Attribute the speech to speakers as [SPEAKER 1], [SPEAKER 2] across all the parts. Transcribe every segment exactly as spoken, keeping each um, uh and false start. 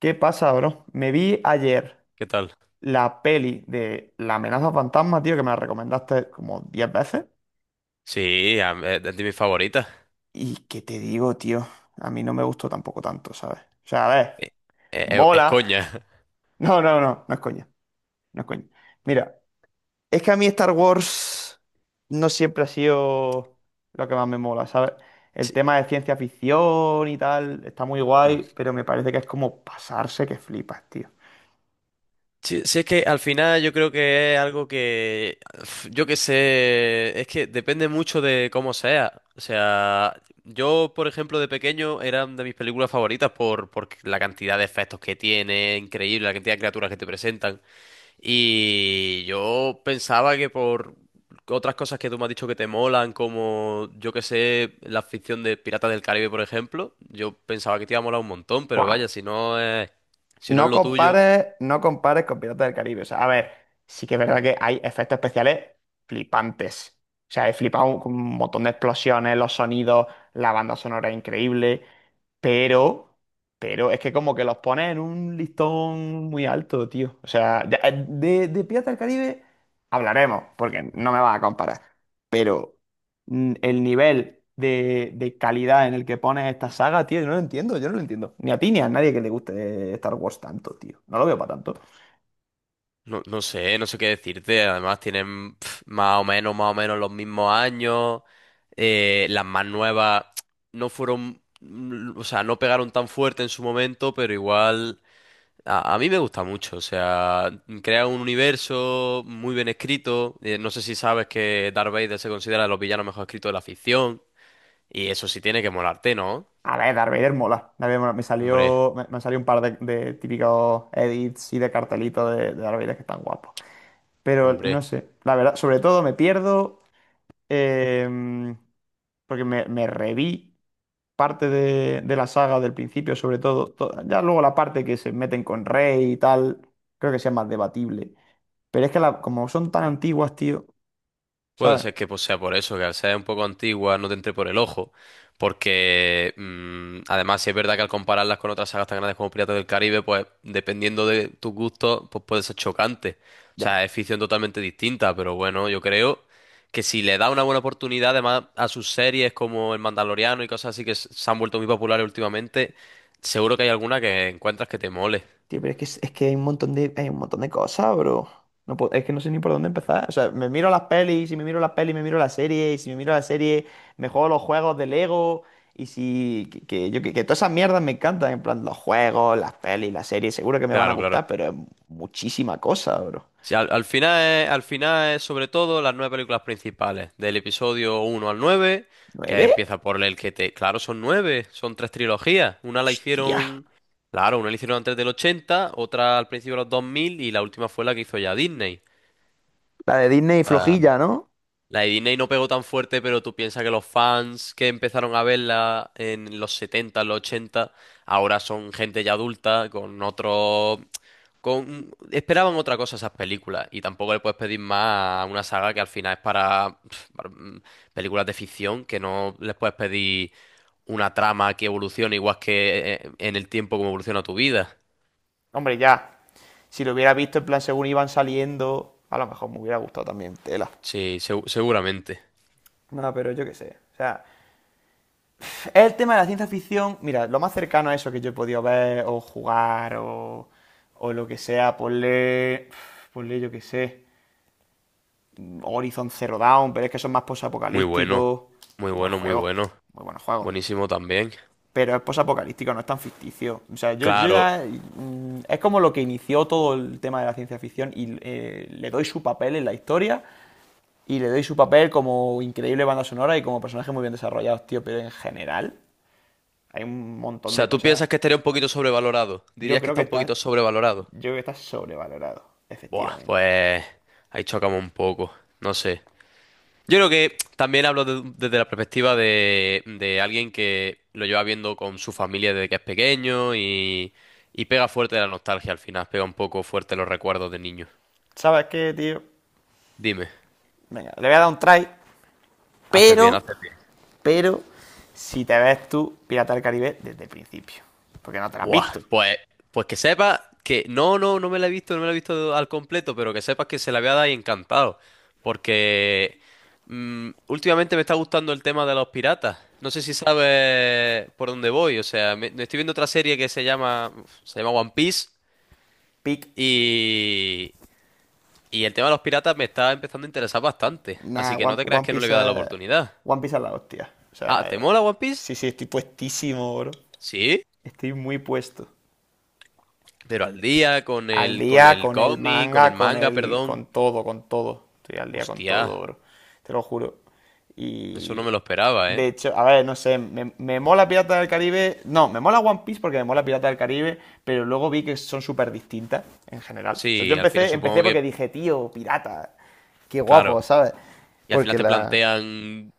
[SPEAKER 1] ¿Qué pasa, bro? Me vi ayer
[SPEAKER 2] ¿Qué tal?
[SPEAKER 1] la peli de La amenaza fantasma, tío, que me la recomendaste como diez veces.
[SPEAKER 2] Sí, a- es de mis favoritas.
[SPEAKER 1] Y que te digo, tío, a mí no me gustó tampoco tanto, ¿sabes? O sea, a ver,
[SPEAKER 2] Eh, eh, Es,
[SPEAKER 1] mola.
[SPEAKER 2] coña.
[SPEAKER 1] No, no, no, no es coña, no es coña. Mira, es que a mí Star Wars no siempre ha sido lo que más me mola, ¿sabes? El
[SPEAKER 2] Sí,
[SPEAKER 1] tema de ciencia ficción y tal está muy
[SPEAKER 2] mm.
[SPEAKER 1] guay, pero me parece que es como pasarse que flipas, tío.
[SPEAKER 2] Sí, sí, es que al final yo creo que es algo que, uf, yo qué sé, es que depende mucho de cómo sea. O sea, yo, por ejemplo, de pequeño era de mis películas favoritas por, por la cantidad de efectos que tiene, increíble, la cantidad de criaturas que te presentan. Y yo pensaba que por otras cosas que tú me has dicho que te molan, como yo que sé, la ficción de Piratas del Caribe, por ejemplo, yo pensaba que te iba a molar un montón, pero vaya,
[SPEAKER 1] Buah,
[SPEAKER 2] si no es, si no es
[SPEAKER 1] no
[SPEAKER 2] lo tuyo.
[SPEAKER 1] compares, no compares con Piratas del Caribe. O sea, a ver, sí que es verdad que hay efectos especiales flipantes. O sea, he flipado con un montón de explosiones, los sonidos, la banda sonora es increíble, pero, pero es que como que los pones en un listón muy alto, tío. O sea, ya- eh, de, de Piratas del Caribe hablaremos, porque no me vas a comparar. Pero mm, el nivel de, de calidad en el que pones esta saga, tío, yo no lo entiendo, yo no lo entiendo. Ni a ti ni a nadie que le guste Star Wars tanto, tío. No lo veo para tanto.
[SPEAKER 2] No, no sé, no sé qué decirte. Además tienen pf, más o menos, más o menos los mismos años. Eh, las más nuevas no fueron, mm, o sea, no pegaron tan fuerte en su momento, pero igual. A, a mí me gusta mucho, o sea, crea un universo muy bien escrito. Eh, no sé si sabes que Darth Vader se considera de los villanos mejor escritos de la ficción. Y eso sí tiene que molarte, ¿no?
[SPEAKER 1] A ver, Darth Vader mola. Darth Vader mola. Me
[SPEAKER 2] Hombre,
[SPEAKER 1] salió, me, me salió un par de, de típicos edits y de cartelitos de, de Darth Vader que están guapos. Pero no
[SPEAKER 2] hombre.
[SPEAKER 1] sé, la verdad, sobre todo me pierdo eh, porque me, me reví parte de, de la saga del principio, sobre todo, to- ya luego la parte que se meten con Rey y tal, creo que sea más debatible. Pero es que la- como son tan antiguas, tío,
[SPEAKER 2] Puede
[SPEAKER 1] ¿sabes?
[SPEAKER 2] ser que pues, sea por eso, que al ser un poco antigua no te entre por el ojo, porque mm, además sí es verdad que al compararlas con otras sagas tan grandes como Piratas del Caribe, pues dependiendo de tus gustos, pues puede ser chocante. O
[SPEAKER 1] Ya,
[SPEAKER 2] sea, es ficción totalmente distinta, pero bueno, yo creo que si le da una buena oportunidad además a sus series como El Mandaloriano y cosas así que s- se han vuelto muy populares últimamente, seguro que hay alguna que encuentras que te mole.
[SPEAKER 1] tío, pero es que, es es que hay un montón de, hay un montón de cosas, bro. No puedo- es que no sé ni por dónde empezar. O sea, me miro las pelis, y si me miro las pelis, me miro la serie, y si me miro la serie, me juego los juegos de Lego, y si... Que, que yo, que, que todas esas mierdas me encantan, en plan, los juegos, las pelis, las series, seguro que me van a
[SPEAKER 2] Claro, claro.
[SPEAKER 1] gustar, pero es muchísima cosa, bro.
[SPEAKER 2] Sí, al, al final es, al final es sobre todo las nueve películas principales, del episodio uno al nueve, que
[SPEAKER 1] ¿Nueve?
[SPEAKER 2] empieza por el que te. Claro, son nueve, son tres trilogías. Una la
[SPEAKER 1] Hostia.
[SPEAKER 2] hicieron. Claro, una la hicieron antes del ochenta, otra al principio de los dos mil y la última fue la que hizo ya Disney.
[SPEAKER 1] La de Disney
[SPEAKER 2] O sea,
[SPEAKER 1] flojilla, ¿no?
[SPEAKER 2] la de Disney no pegó tan fuerte, pero tú piensas que los fans que empezaron a verla en los setenta, en los ochenta, ahora son gente ya adulta, con otros con. Esperaban otra cosa esas películas y tampoco le puedes pedir más a una saga que al final es para, pf, para, mm, películas de ficción, que no les puedes pedir una trama que evolucione igual que eh, en el tiempo como evoluciona tu vida.
[SPEAKER 1] Hombre, ya. Si lo hubiera visto en plan según iban saliendo, a lo mejor me hubiera gustado también. Tela.
[SPEAKER 2] Sí, segu- seguramente.
[SPEAKER 1] No, pero yo qué sé. O sea, el tema de la ciencia ficción, mira, lo más cercano a eso que yo he podido ver o jugar o, o lo que sea, ponle, ponle yo qué sé, Horizon Zero Dawn, pero es que son más
[SPEAKER 2] Muy bueno,
[SPEAKER 1] posapocalípticos.
[SPEAKER 2] muy
[SPEAKER 1] Buen
[SPEAKER 2] bueno, muy
[SPEAKER 1] juego,
[SPEAKER 2] bueno.
[SPEAKER 1] muy buen juego.
[SPEAKER 2] Buenísimo también.
[SPEAKER 1] Pero es posapocalíptico, no es tan ficticio. O sea, yo, yo
[SPEAKER 2] Claro.
[SPEAKER 1] ya. mm, Es como lo que inició todo el tema de la ciencia ficción y eh, le doy su papel en la historia y le doy su papel como increíble banda sonora y como personaje muy bien desarrollados, tío. Pero en general, hay un
[SPEAKER 2] O
[SPEAKER 1] montón de
[SPEAKER 2] sea, ¿tú
[SPEAKER 1] cosas.
[SPEAKER 2] piensas que estaría un poquito sobrevalorado?
[SPEAKER 1] Yo
[SPEAKER 2] ¿Dirías que
[SPEAKER 1] creo
[SPEAKER 2] está
[SPEAKER 1] que
[SPEAKER 2] un poquito
[SPEAKER 1] está, yo
[SPEAKER 2] sobrevalorado?
[SPEAKER 1] creo que está sobrevalorado,
[SPEAKER 2] Buah,
[SPEAKER 1] efectivamente.
[SPEAKER 2] pues ahí chocamos un poco. No sé. Yo creo que también hablo de- desde la perspectiva de, de alguien que lo lleva viendo con su familia desde que es pequeño y, y pega fuerte la nostalgia al final, pega un poco fuerte los recuerdos de niño.
[SPEAKER 1] ¿Sabes qué, tío?
[SPEAKER 2] Dime,
[SPEAKER 1] Venga, le voy a dar un try,
[SPEAKER 2] haces bien,
[SPEAKER 1] pero,
[SPEAKER 2] haces bien.
[SPEAKER 1] pero, si te ves tú Pirata del Caribe desde el principio, porque no te la has
[SPEAKER 2] Buah,
[SPEAKER 1] visto.
[SPEAKER 2] pues, pues que sepas que no, no, no me la he visto, no me la he visto al completo, pero que sepas que se la voy a dar y encantado, porque mm, últimamente me está gustando el tema de los piratas. No sé si sabes por dónde voy, o sea, me, me estoy viendo otra serie que se llama, se llama One Piece.
[SPEAKER 1] pic.
[SPEAKER 2] Y, y el tema de los piratas me está empezando a interesar bastante, así
[SPEAKER 1] Nah,
[SPEAKER 2] que no
[SPEAKER 1] One,
[SPEAKER 2] te creas
[SPEAKER 1] One
[SPEAKER 2] que no le
[SPEAKER 1] Piece
[SPEAKER 2] voy a dar la
[SPEAKER 1] es,
[SPEAKER 2] oportunidad.
[SPEAKER 1] One Piece es la hostia. O
[SPEAKER 2] Ah, ¿te
[SPEAKER 1] sea,
[SPEAKER 2] mola One Piece?
[SPEAKER 1] sí, sí, estoy puestísimo, bro.
[SPEAKER 2] Sí,
[SPEAKER 1] Estoy muy puesto.
[SPEAKER 2] pero al día, con
[SPEAKER 1] Al
[SPEAKER 2] el, con
[SPEAKER 1] día
[SPEAKER 2] el
[SPEAKER 1] con el
[SPEAKER 2] cómic, con el
[SPEAKER 1] manga, con
[SPEAKER 2] manga,
[SPEAKER 1] el,
[SPEAKER 2] perdón.
[SPEAKER 1] con todo, con todo. Estoy al día con
[SPEAKER 2] Hostia,
[SPEAKER 1] todo, bro. Te lo juro.
[SPEAKER 2] eso no
[SPEAKER 1] Y
[SPEAKER 2] me lo esperaba,
[SPEAKER 1] de
[SPEAKER 2] ¿eh?
[SPEAKER 1] hecho, a ver, no sé, me, me mola Piratas del Caribe. No, me mola One Piece porque me mola Piratas del Caribe, pero luego vi que son súper distintas en general. O sea, yo
[SPEAKER 2] Sí, al final
[SPEAKER 1] empecé, empecé
[SPEAKER 2] supongo
[SPEAKER 1] porque
[SPEAKER 2] que,
[SPEAKER 1] dije, tío, pirata, qué guapo,
[SPEAKER 2] claro,
[SPEAKER 1] ¿sabes?
[SPEAKER 2] y al final
[SPEAKER 1] Porque
[SPEAKER 2] te
[SPEAKER 1] la,
[SPEAKER 2] plantean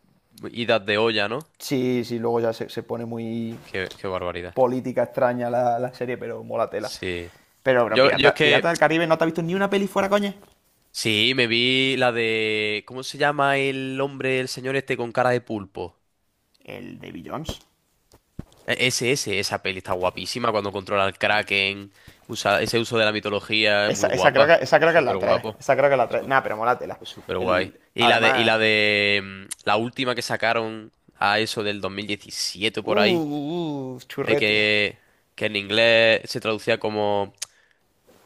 [SPEAKER 2] idas de olla, ¿no?
[SPEAKER 1] Sí, sí, luego ya se, se pone muy
[SPEAKER 2] Qué, qué barbaridad.
[SPEAKER 1] política extraña la, la serie, pero mola tela.
[SPEAKER 2] Sí.
[SPEAKER 1] Pero, bueno,
[SPEAKER 2] Yo, yo es
[SPEAKER 1] Pirata, Pirata
[SPEAKER 2] que,
[SPEAKER 1] del Caribe, ¿no te has visto ni una peli fuera, coña?
[SPEAKER 2] sí, me vi la de, ¿cómo se llama el hombre, el señor este con cara de pulpo?
[SPEAKER 1] El de Bill Jones.
[SPEAKER 2] E- Ese, ese, esa peli está guapísima cuando controla al Kraken, usa ese uso de la mitología, es
[SPEAKER 1] Esa,
[SPEAKER 2] muy
[SPEAKER 1] esa, creo
[SPEAKER 2] guapa,
[SPEAKER 1] que, esa creo que es la
[SPEAKER 2] súper
[SPEAKER 1] tres.
[SPEAKER 2] guapo,
[SPEAKER 1] Esa creo que es la tres. Nah, pero mola tela.
[SPEAKER 2] súper guay.
[SPEAKER 1] El,
[SPEAKER 2] Y la de, y
[SPEAKER 1] además.
[SPEAKER 2] la de mm, la última que sacaron a eso del dos mil diecisiete
[SPEAKER 1] Uh,
[SPEAKER 2] por ahí,
[SPEAKER 1] uh, uh,
[SPEAKER 2] de
[SPEAKER 1] churrete.
[SPEAKER 2] que, que en inglés se traducía como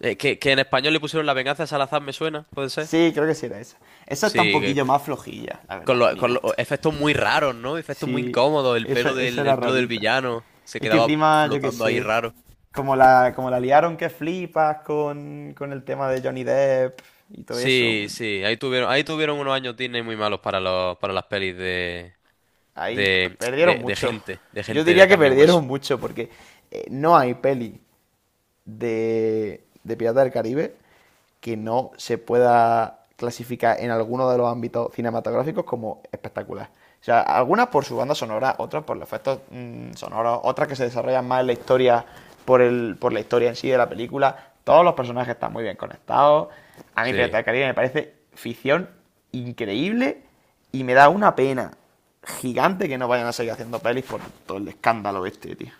[SPEAKER 2] eh, que, que en español le pusieron La venganza de Salazar, ¿me suena? ¿Puede ser?
[SPEAKER 1] Sí, creo que sí era esa. Esa está un
[SPEAKER 2] Sí, que-
[SPEAKER 1] poquillo más flojilla, la
[SPEAKER 2] con
[SPEAKER 1] verdad, para
[SPEAKER 2] los,
[SPEAKER 1] mi
[SPEAKER 2] con los
[SPEAKER 1] gusto.
[SPEAKER 2] efectos muy raros, ¿no? Efectos muy
[SPEAKER 1] Sí,
[SPEAKER 2] incómodos, el
[SPEAKER 1] esa,
[SPEAKER 2] pelo
[SPEAKER 1] esa
[SPEAKER 2] del,
[SPEAKER 1] era
[SPEAKER 2] el pelo del
[SPEAKER 1] rarita.
[SPEAKER 2] villano se
[SPEAKER 1] Es que
[SPEAKER 2] quedaba
[SPEAKER 1] encima, yo qué
[SPEAKER 2] flotando ahí
[SPEAKER 1] sé,
[SPEAKER 2] raro.
[SPEAKER 1] como la, como la liaron que flipas con, con el tema de Johnny Depp y todo eso,
[SPEAKER 2] Sí, sí, ahí tuvieron, ahí tuvieron unos años Disney muy malos para los, para las pelis de,
[SPEAKER 1] ahí p-
[SPEAKER 2] de, de,
[SPEAKER 1] perdieron
[SPEAKER 2] de
[SPEAKER 1] mucho.
[SPEAKER 2] gente, de
[SPEAKER 1] Yo
[SPEAKER 2] gente de
[SPEAKER 1] diría que
[SPEAKER 2] carne y hueso.
[SPEAKER 1] perdieron mucho porque eh, no hay peli de, de Piratas del Caribe que no se pueda clasificar en alguno de los ámbitos cinematográficos como espectacular. O sea, algunas por su banda sonora, otras por los efectos mm, sonoros, otras que se desarrollan más en la historia, por, el, por la historia en sí de la película. Todos los personajes están muy bien conectados. A mí
[SPEAKER 2] Sí.
[SPEAKER 1] piratas del Caribe me parece ficción increíble y me da una pena gigante que no vayan a seguir haciendo pelis por todo el escándalo este, tío.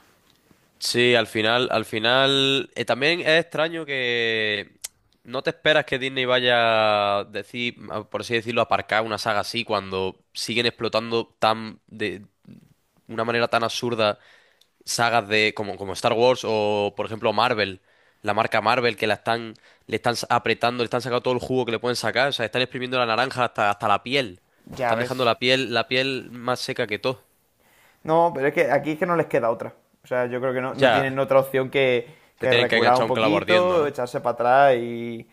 [SPEAKER 2] Sí, al final, al final, eh, también es extraño que no te esperas que Disney vaya a decir, a- por así decirlo, a aparcar una saga así cuando siguen explotando tan de una manera tan absurda sagas de como, como Star Wars o por ejemplo Marvel, la marca Marvel que la están le están sa- apretando, le están sacando todo el jugo que le pueden sacar, o sea, están exprimiendo la naranja hasta, hasta la piel.
[SPEAKER 1] Ya
[SPEAKER 2] Están dejando
[SPEAKER 1] ves.
[SPEAKER 2] la piel la piel más seca que todo.
[SPEAKER 1] No, pero es que aquí es que no les queda otra. O sea, yo creo que no, no
[SPEAKER 2] Ya,
[SPEAKER 1] tienen otra opción que,
[SPEAKER 2] se
[SPEAKER 1] que
[SPEAKER 2] tienen que
[SPEAKER 1] recular un
[SPEAKER 2] enganchar un clavo ardiendo,
[SPEAKER 1] poquito,
[SPEAKER 2] ¿no?
[SPEAKER 1] echarse para atrás y,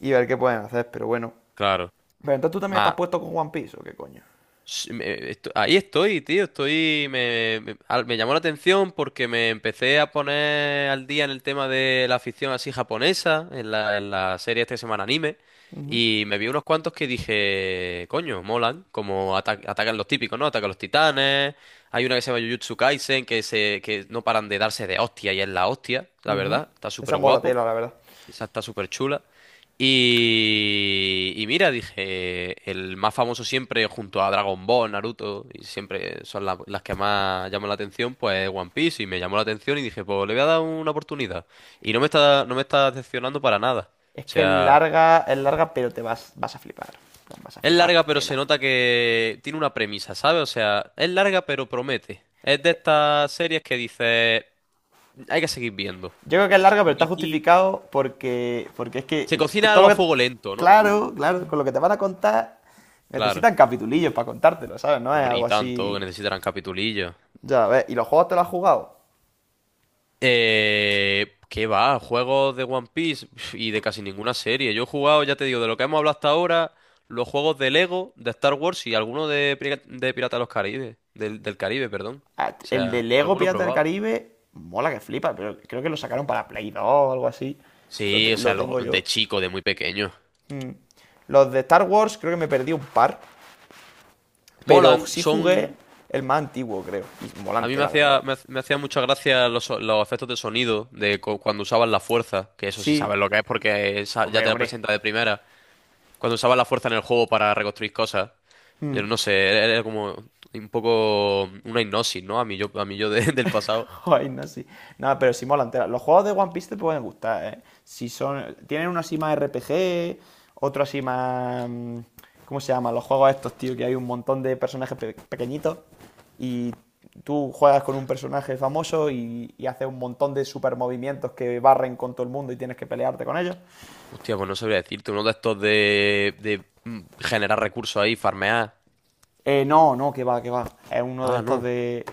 [SPEAKER 1] y ver qué pueden hacer. Pero bueno.
[SPEAKER 2] Claro.
[SPEAKER 1] Pero entonces tú también estás
[SPEAKER 2] Más.
[SPEAKER 1] puesto con One Piece, ¿o qué coño?
[SPEAKER 2] Sí, me- esto- ahí estoy, tío, estoy, me, me- al- me llamó la atención porque me empecé a poner al día en el tema de la afición así japonesa, en la, en la serie esta que se llama Anime,
[SPEAKER 1] Ujú,
[SPEAKER 2] y me vi unos cuantos que dije, coño, molan, como ata- atacan los típicos, ¿no? Atacan los titanes, hay una que se llama Jujutsu Kaisen, que, se, que no paran de darse de hostia y es la hostia, la
[SPEAKER 1] ujú.
[SPEAKER 2] verdad, está
[SPEAKER 1] Esa
[SPEAKER 2] súper
[SPEAKER 1] mola
[SPEAKER 2] guapo.
[SPEAKER 1] tela, la verdad.
[SPEAKER 2] Esa está súper chula. Y, y mira, dije, el más famoso siempre junto a Dragon Ball, Naruto, y siempre son la- las que más llaman la atención, pues One Piece, y me llamó la atención y dije, pues le voy a dar una oportunidad. Y no me está, no me está decepcionando para nada.
[SPEAKER 1] Es
[SPEAKER 2] O
[SPEAKER 1] que es
[SPEAKER 2] sea,
[SPEAKER 1] larga, es larga, pero te vas, vas a flipar. Vas a
[SPEAKER 2] es
[SPEAKER 1] flipar
[SPEAKER 2] larga, pero
[SPEAKER 1] tela.
[SPEAKER 2] se nota que tiene una premisa, ¿sabes? O sea, es larga, pero promete. Es de estas series que dice, hay que seguir viendo.
[SPEAKER 1] Yo creo que es larga, pero
[SPEAKER 2] Porque
[SPEAKER 1] está
[SPEAKER 2] aquí
[SPEAKER 1] justificado porque, porque es que
[SPEAKER 2] se cocina
[SPEAKER 1] todo
[SPEAKER 2] algo a
[SPEAKER 1] lo que.
[SPEAKER 2] fuego lento, ¿no?
[SPEAKER 1] Claro, claro, con lo que te van a contar
[SPEAKER 2] Claro.
[SPEAKER 1] necesitan capitulillos para contártelo, ¿sabes? No es
[SPEAKER 2] Hombre,
[SPEAKER 1] algo
[SPEAKER 2] y tanto que
[SPEAKER 1] así.
[SPEAKER 2] necesitarán capitulillos.
[SPEAKER 1] Ya, a ver, ¿y los juegos te los has jugado?
[SPEAKER 2] Eh, ¿qué va? Juegos de One Piece Pf, y de casi ninguna serie. Yo he jugado, ya te digo, de lo que hemos hablado hasta ahora, los juegos de Lego, de Star Wars y alguno de, Pira- de Piratas de los Caribes, del, del Caribe, perdón.
[SPEAKER 1] Ah,
[SPEAKER 2] O
[SPEAKER 1] el
[SPEAKER 2] sea,
[SPEAKER 1] de Lego
[SPEAKER 2] alguno he
[SPEAKER 1] Pirata del
[SPEAKER 2] probado.
[SPEAKER 1] Caribe, mola que flipa, pero creo que lo sacaron para Play dos o algo así. Lo,
[SPEAKER 2] Sí,
[SPEAKER 1] te-
[SPEAKER 2] o sea,
[SPEAKER 1] lo
[SPEAKER 2] los
[SPEAKER 1] tengo yo.
[SPEAKER 2] de chico, de muy pequeño.
[SPEAKER 1] Mm. Los de Star Wars creo que me perdí un par, pero
[SPEAKER 2] Molan,
[SPEAKER 1] sí
[SPEAKER 2] son.
[SPEAKER 1] jugué el más antiguo, creo. Y mola
[SPEAKER 2] A mí me
[SPEAKER 1] entera, la verdad.
[SPEAKER 2] hacía, me, hac- me hacía mucha gracia los, so- los efectos de sonido de cu- cuando usaban la fuerza, que eso sí sabes
[SPEAKER 1] Sí,
[SPEAKER 2] lo que es porque esa- ya
[SPEAKER 1] hombre,
[SPEAKER 2] te la
[SPEAKER 1] hombre.
[SPEAKER 2] presenta de primera. Cuando usabas la fuerza en el juego para reconstruir cosas, pero
[SPEAKER 1] Mm.
[SPEAKER 2] no sé, era era como un poco una hipnosis, ¿no? A mí yo, a mí yo de- del pasado.
[SPEAKER 1] Ay, no, sí. Nada, pero sí mola entera. Los juegos de One Piece te pueden gustar, ¿eh? Si son. Tienen uno así más R P G, otro así más, mm, ¿cómo se llaman? Los juegos estos, tío, que hay un montón de personajes pe- pequeñitos y tú juegas con un personaje famoso y, y haces un montón de super movimientos que barren con todo el mundo y tienes que pelearte con ellos.
[SPEAKER 2] Hostia, pues no sabría decirte, uno de estos de, de mm, generar recursos ahí, farmear.
[SPEAKER 1] Eh, no, no, que va, que va. Es uno de
[SPEAKER 2] Ah,
[SPEAKER 1] estos
[SPEAKER 2] no.
[SPEAKER 1] de.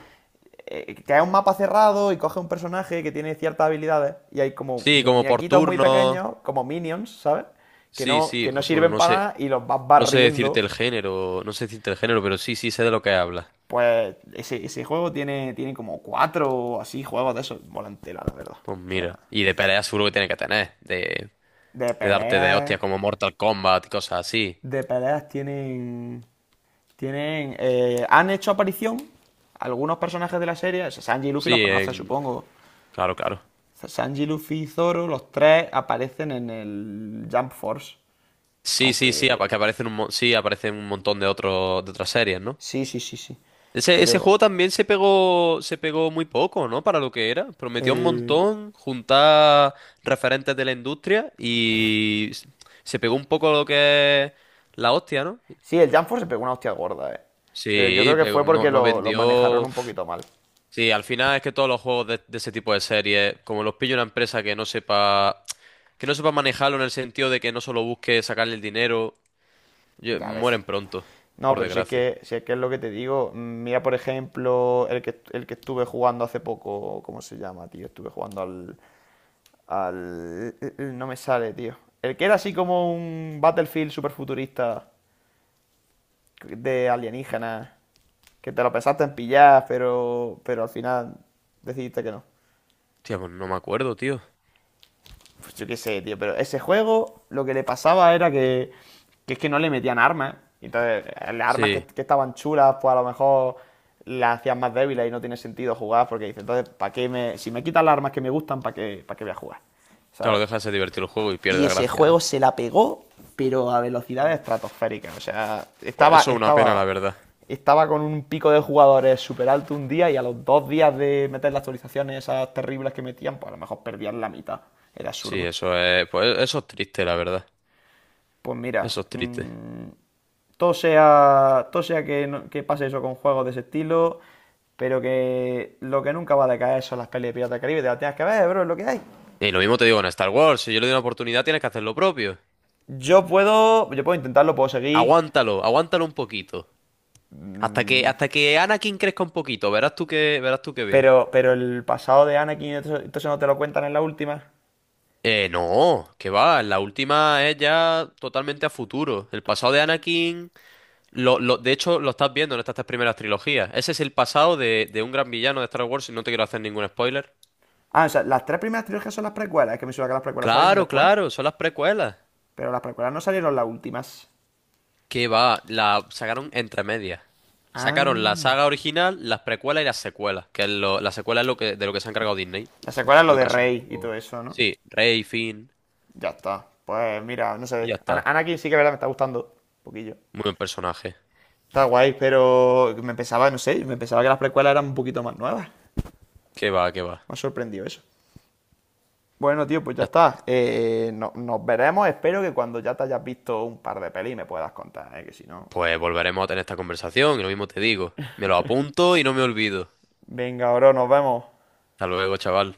[SPEAKER 1] eh, Que es un mapa cerrado y coge un personaje que tiene ciertas habilidades y hay como
[SPEAKER 2] Sí, como por
[SPEAKER 1] muñequitos muy
[SPEAKER 2] turno.
[SPEAKER 1] pequeños, como minions, ¿sabes? Que
[SPEAKER 2] Sí,
[SPEAKER 1] no,
[SPEAKER 2] sí,
[SPEAKER 1] que no
[SPEAKER 2] pues
[SPEAKER 1] sirven
[SPEAKER 2] no
[SPEAKER 1] para
[SPEAKER 2] sé,
[SPEAKER 1] nada y los vas
[SPEAKER 2] no sé decirte
[SPEAKER 1] barriendo.
[SPEAKER 2] el género, no sé decirte el género, pero sí, sí sé de lo que hablas.
[SPEAKER 1] Pues ese, ese juego tiene, tiene como cuatro así juegos de esos. Volantela, la verdad.
[SPEAKER 2] Pues
[SPEAKER 1] O sea,
[SPEAKER 2] mira, y de pelea seguro que tiene que tener, de,
[SPEAKER 1] de
[SPEAKER 2] de darte de
[SPEAKER 1] peleas.
[SPEAKER 2] hostias como Mortal Kombat y cosas así.
[SPEAKER 1] De peleas tienen. Tienen. Eh, han hecho aparición algunos personajes de la serie. Sanji y Luffy los
[SPEAKER 2] Sí,
[SPEAKER 1] conoces,
[SPEAKER 2] en.
[SPEAKER 1] supongo.
[SPEAKER 2] Claro, claro.
[SPEAKER 1] Sanji, Luffy y Zoro, los tres aparecen en el Jump Force.
[SPEAKER 2] Sí, sí, sí, apa-
[SPEAKER 1] Aunque.
[SPEAKER 2] que aparecen un, mo- sí, aparecen un montón de otros de otras series, ¿no?
[SPEAKER 1] Sí, sí, sí, sí.
[SPEAKER 2] Ese, ese
[SPEAKER 1] Pero.
[SPEAKER 2] juego también se pegó, se pegó muy poco, ¿no? Para lo que era. Prometió un
[SPEAKER 1] El.
[SPEAKER 2] montón juntar referentes de la industria y s- se pegó un poco lo que es la hostia, ¿no?
[SPEAKER 1] Sí, el Jump Force se pegó una hostia gorda, eh. Pero yo creo
[SPEAKER 2] Sí,
[SPEAKER 1] que
[SPEAKER 2] pero
[SPEAKER 1] fue
[SPEAKER 2] no,
[SPEAKER 1] porque
[SPEAKER 2] no
[SPEAKER 1] lo, lo manejaron
[SPEAKER 2] vendió.
[SPEAKER 1] un poquito mal.
[SPEAKER 2] Sí, al final es que todos los juegos de, de ese tipo de series, como los pilla una empresa que no sepa, que no sepa manejarlo en el sentido de que no solo busque sacarle el dinero, yo-
[SPEAKER 1] Ya ves.
[SPEAKER 2] mueren pronto,
[SPEAKER 1] No,
[SPEAKER 2] por
[SPEAKER 1] pero si es
[SPEAKER 2] desgracia.
[SPEAKER 1] que, si es que es lo que te digo. Mm, Mira, por ejemplo, el que, el que estuve jugando hace poco. ¿Cómo se llama, tío? Estuve jugando al. Al. No me sale, tío. El que era así como un Battlefield super futurista de alienígenas, que te lo pensaste en pillar, pero, pero al final decidiste que no.
[SPEAKER 2] Tía, pues no me acuerdo, tío.
[SPEAKER 1] Pues yo qué sé, tío, pero ese juego lo que le pasaba era que, que es que no le metían armas. Entonces, eh, las armas que,
[SPEAKER 2] Sí,
[SPEAKER 1] que estaban chulas, pues a lo mejor las hacían más débiles y no tiene sentido jugar porque dices entonces, ¿para qué me, si me quitan las armas que me gustan, ¿para qué, ¿para qué voy a jugar? ¿Sabes?
[SPEAKER 2] claro, deja de ser divertido el juego y pierde la gracia, ¿no?
[SPEAKER 1] Estratosféricas. O sea,
[SPEAKER 2] Pues
[SPEAKER 1] estaba,
[SPEAKER 2] eso es una pena, la
[SPEAKER 1] estaba,
[SPEAKER 2] verdad.
[SPEAKER 1] estaba con un pico de jugadores súper alto un día y a los dos días de meter las actualizaciones esas terribles que metían, pues a lo mejor perdían la mitad. Era
[SPEAKER 2] Sí,
[SPEAKER 1] absurdo.
[SPEAKER 2] eso es, pues eso es triste, la verdad.
[SPEAKER 1] Pues mira,
[SPEAKER 2] Eso es triste.
[SPEAKER 1] mm, todo sea, todo sea que, no- que pase eso con juegos de ese estilo, pero que lo que nunca va a decaer son las pelis de piratas del Caribe. Te las tienes que ver, bro, es lo que hay.
[SPEAKER 2] Y lo mismo te digo en Star Wars, si yo le doy una oportunidad, tienes que hacer lo propio.
[SPEAKER 1] Yo puedo, yo puedo intentarlo, puedo seguir,
[SPEAKER 2] Aguántalo, aguántalo un poquito. Hasta que, hasta que Anakin crezca un poquito, verás tú que, verás tú que bien.
[SPEAKER 1] pero, pero el pasado de Anakin, entonces no te lo cuentan en la última.
[SPEAKER 2] Eh, no, que va, la última es ya totalmente a futuro. El pasado de Anakin, Lo, lo- de hecho, lo estás viendo en estas tres primeras trilogías. Ese es el pasado de, de un gran villano de Star Wars, y no te quiero hacer ningún spoiler.
[SPEAKER 1] Ah, o sea, las tres primeras trilogías son las precuelas. Es que me suena que las precuelas salieron
[SPEAKER 2] Claro,
[SPEAKER 1] después.
[SPEAKER 2] claro, son las precuelas.
[SPEAKER 1] Pero las precuelas no salieron las últimas.
[SPEAKER 2] Que va, la sacaron entre medias. Sacaron la
[SPEAKER 1] Anda.
[SPEAKER 2] saga original, las precuelas y las secuelas. Que es lo- la secuela es lo que, de lo que se ha encargado Disney.
[SPEAKER 1] La secuela es
[SPEAKER 2] Y
[SPEAKER 1] lo
[SPEAKER 2] lo
[SPEAKER 1] de
[SPEAKER 2] que ha sido un
[SPEAKER 1] Rey y todo
[SPEAKER 2] poco.
[SPEAKER 1] eso, ¿no?
[SPEAKER 2] Sí, Rey, Finn,
[SPEAKER 1] Ya está. Pues mira, no
[SPEAKER 2] y
[SPEAKER 1] sé.
[SPEAKER 2] ya
[SPEAKER 1] Ana-
[SPEAKER 2] está.
[SPEAKER 1] Anakin sí que es verdad me está gustando. Un poquillo.
[SPEAKER 2] Muy buen personaje.
[SPEAKER 1] Está guay, pero me pensaba, no sé, me pensaba que las precuelas eran un poquito más nuevas. Me
[SPEAKER 2] Que va, que va.
[SPEAKER 1] ha sorprendido eso. Bueno, tío, pues ya
[SPEAKER 2] Ya-
[SPEAKER 1] está. Eh, no- nos veremos. Espero que cuando ya te hayas visto un par de pelis me puedas contar, ¿eh? Que si no.
[SPEAKER 2] Pues volveremos a tener esta conversación y lo mismo te digo. Me lo apunto y no me olvido.
[SPEAKER 1] Venga, bro, nos vemos.
[SPEAKER 2] Hasta luego, chaval.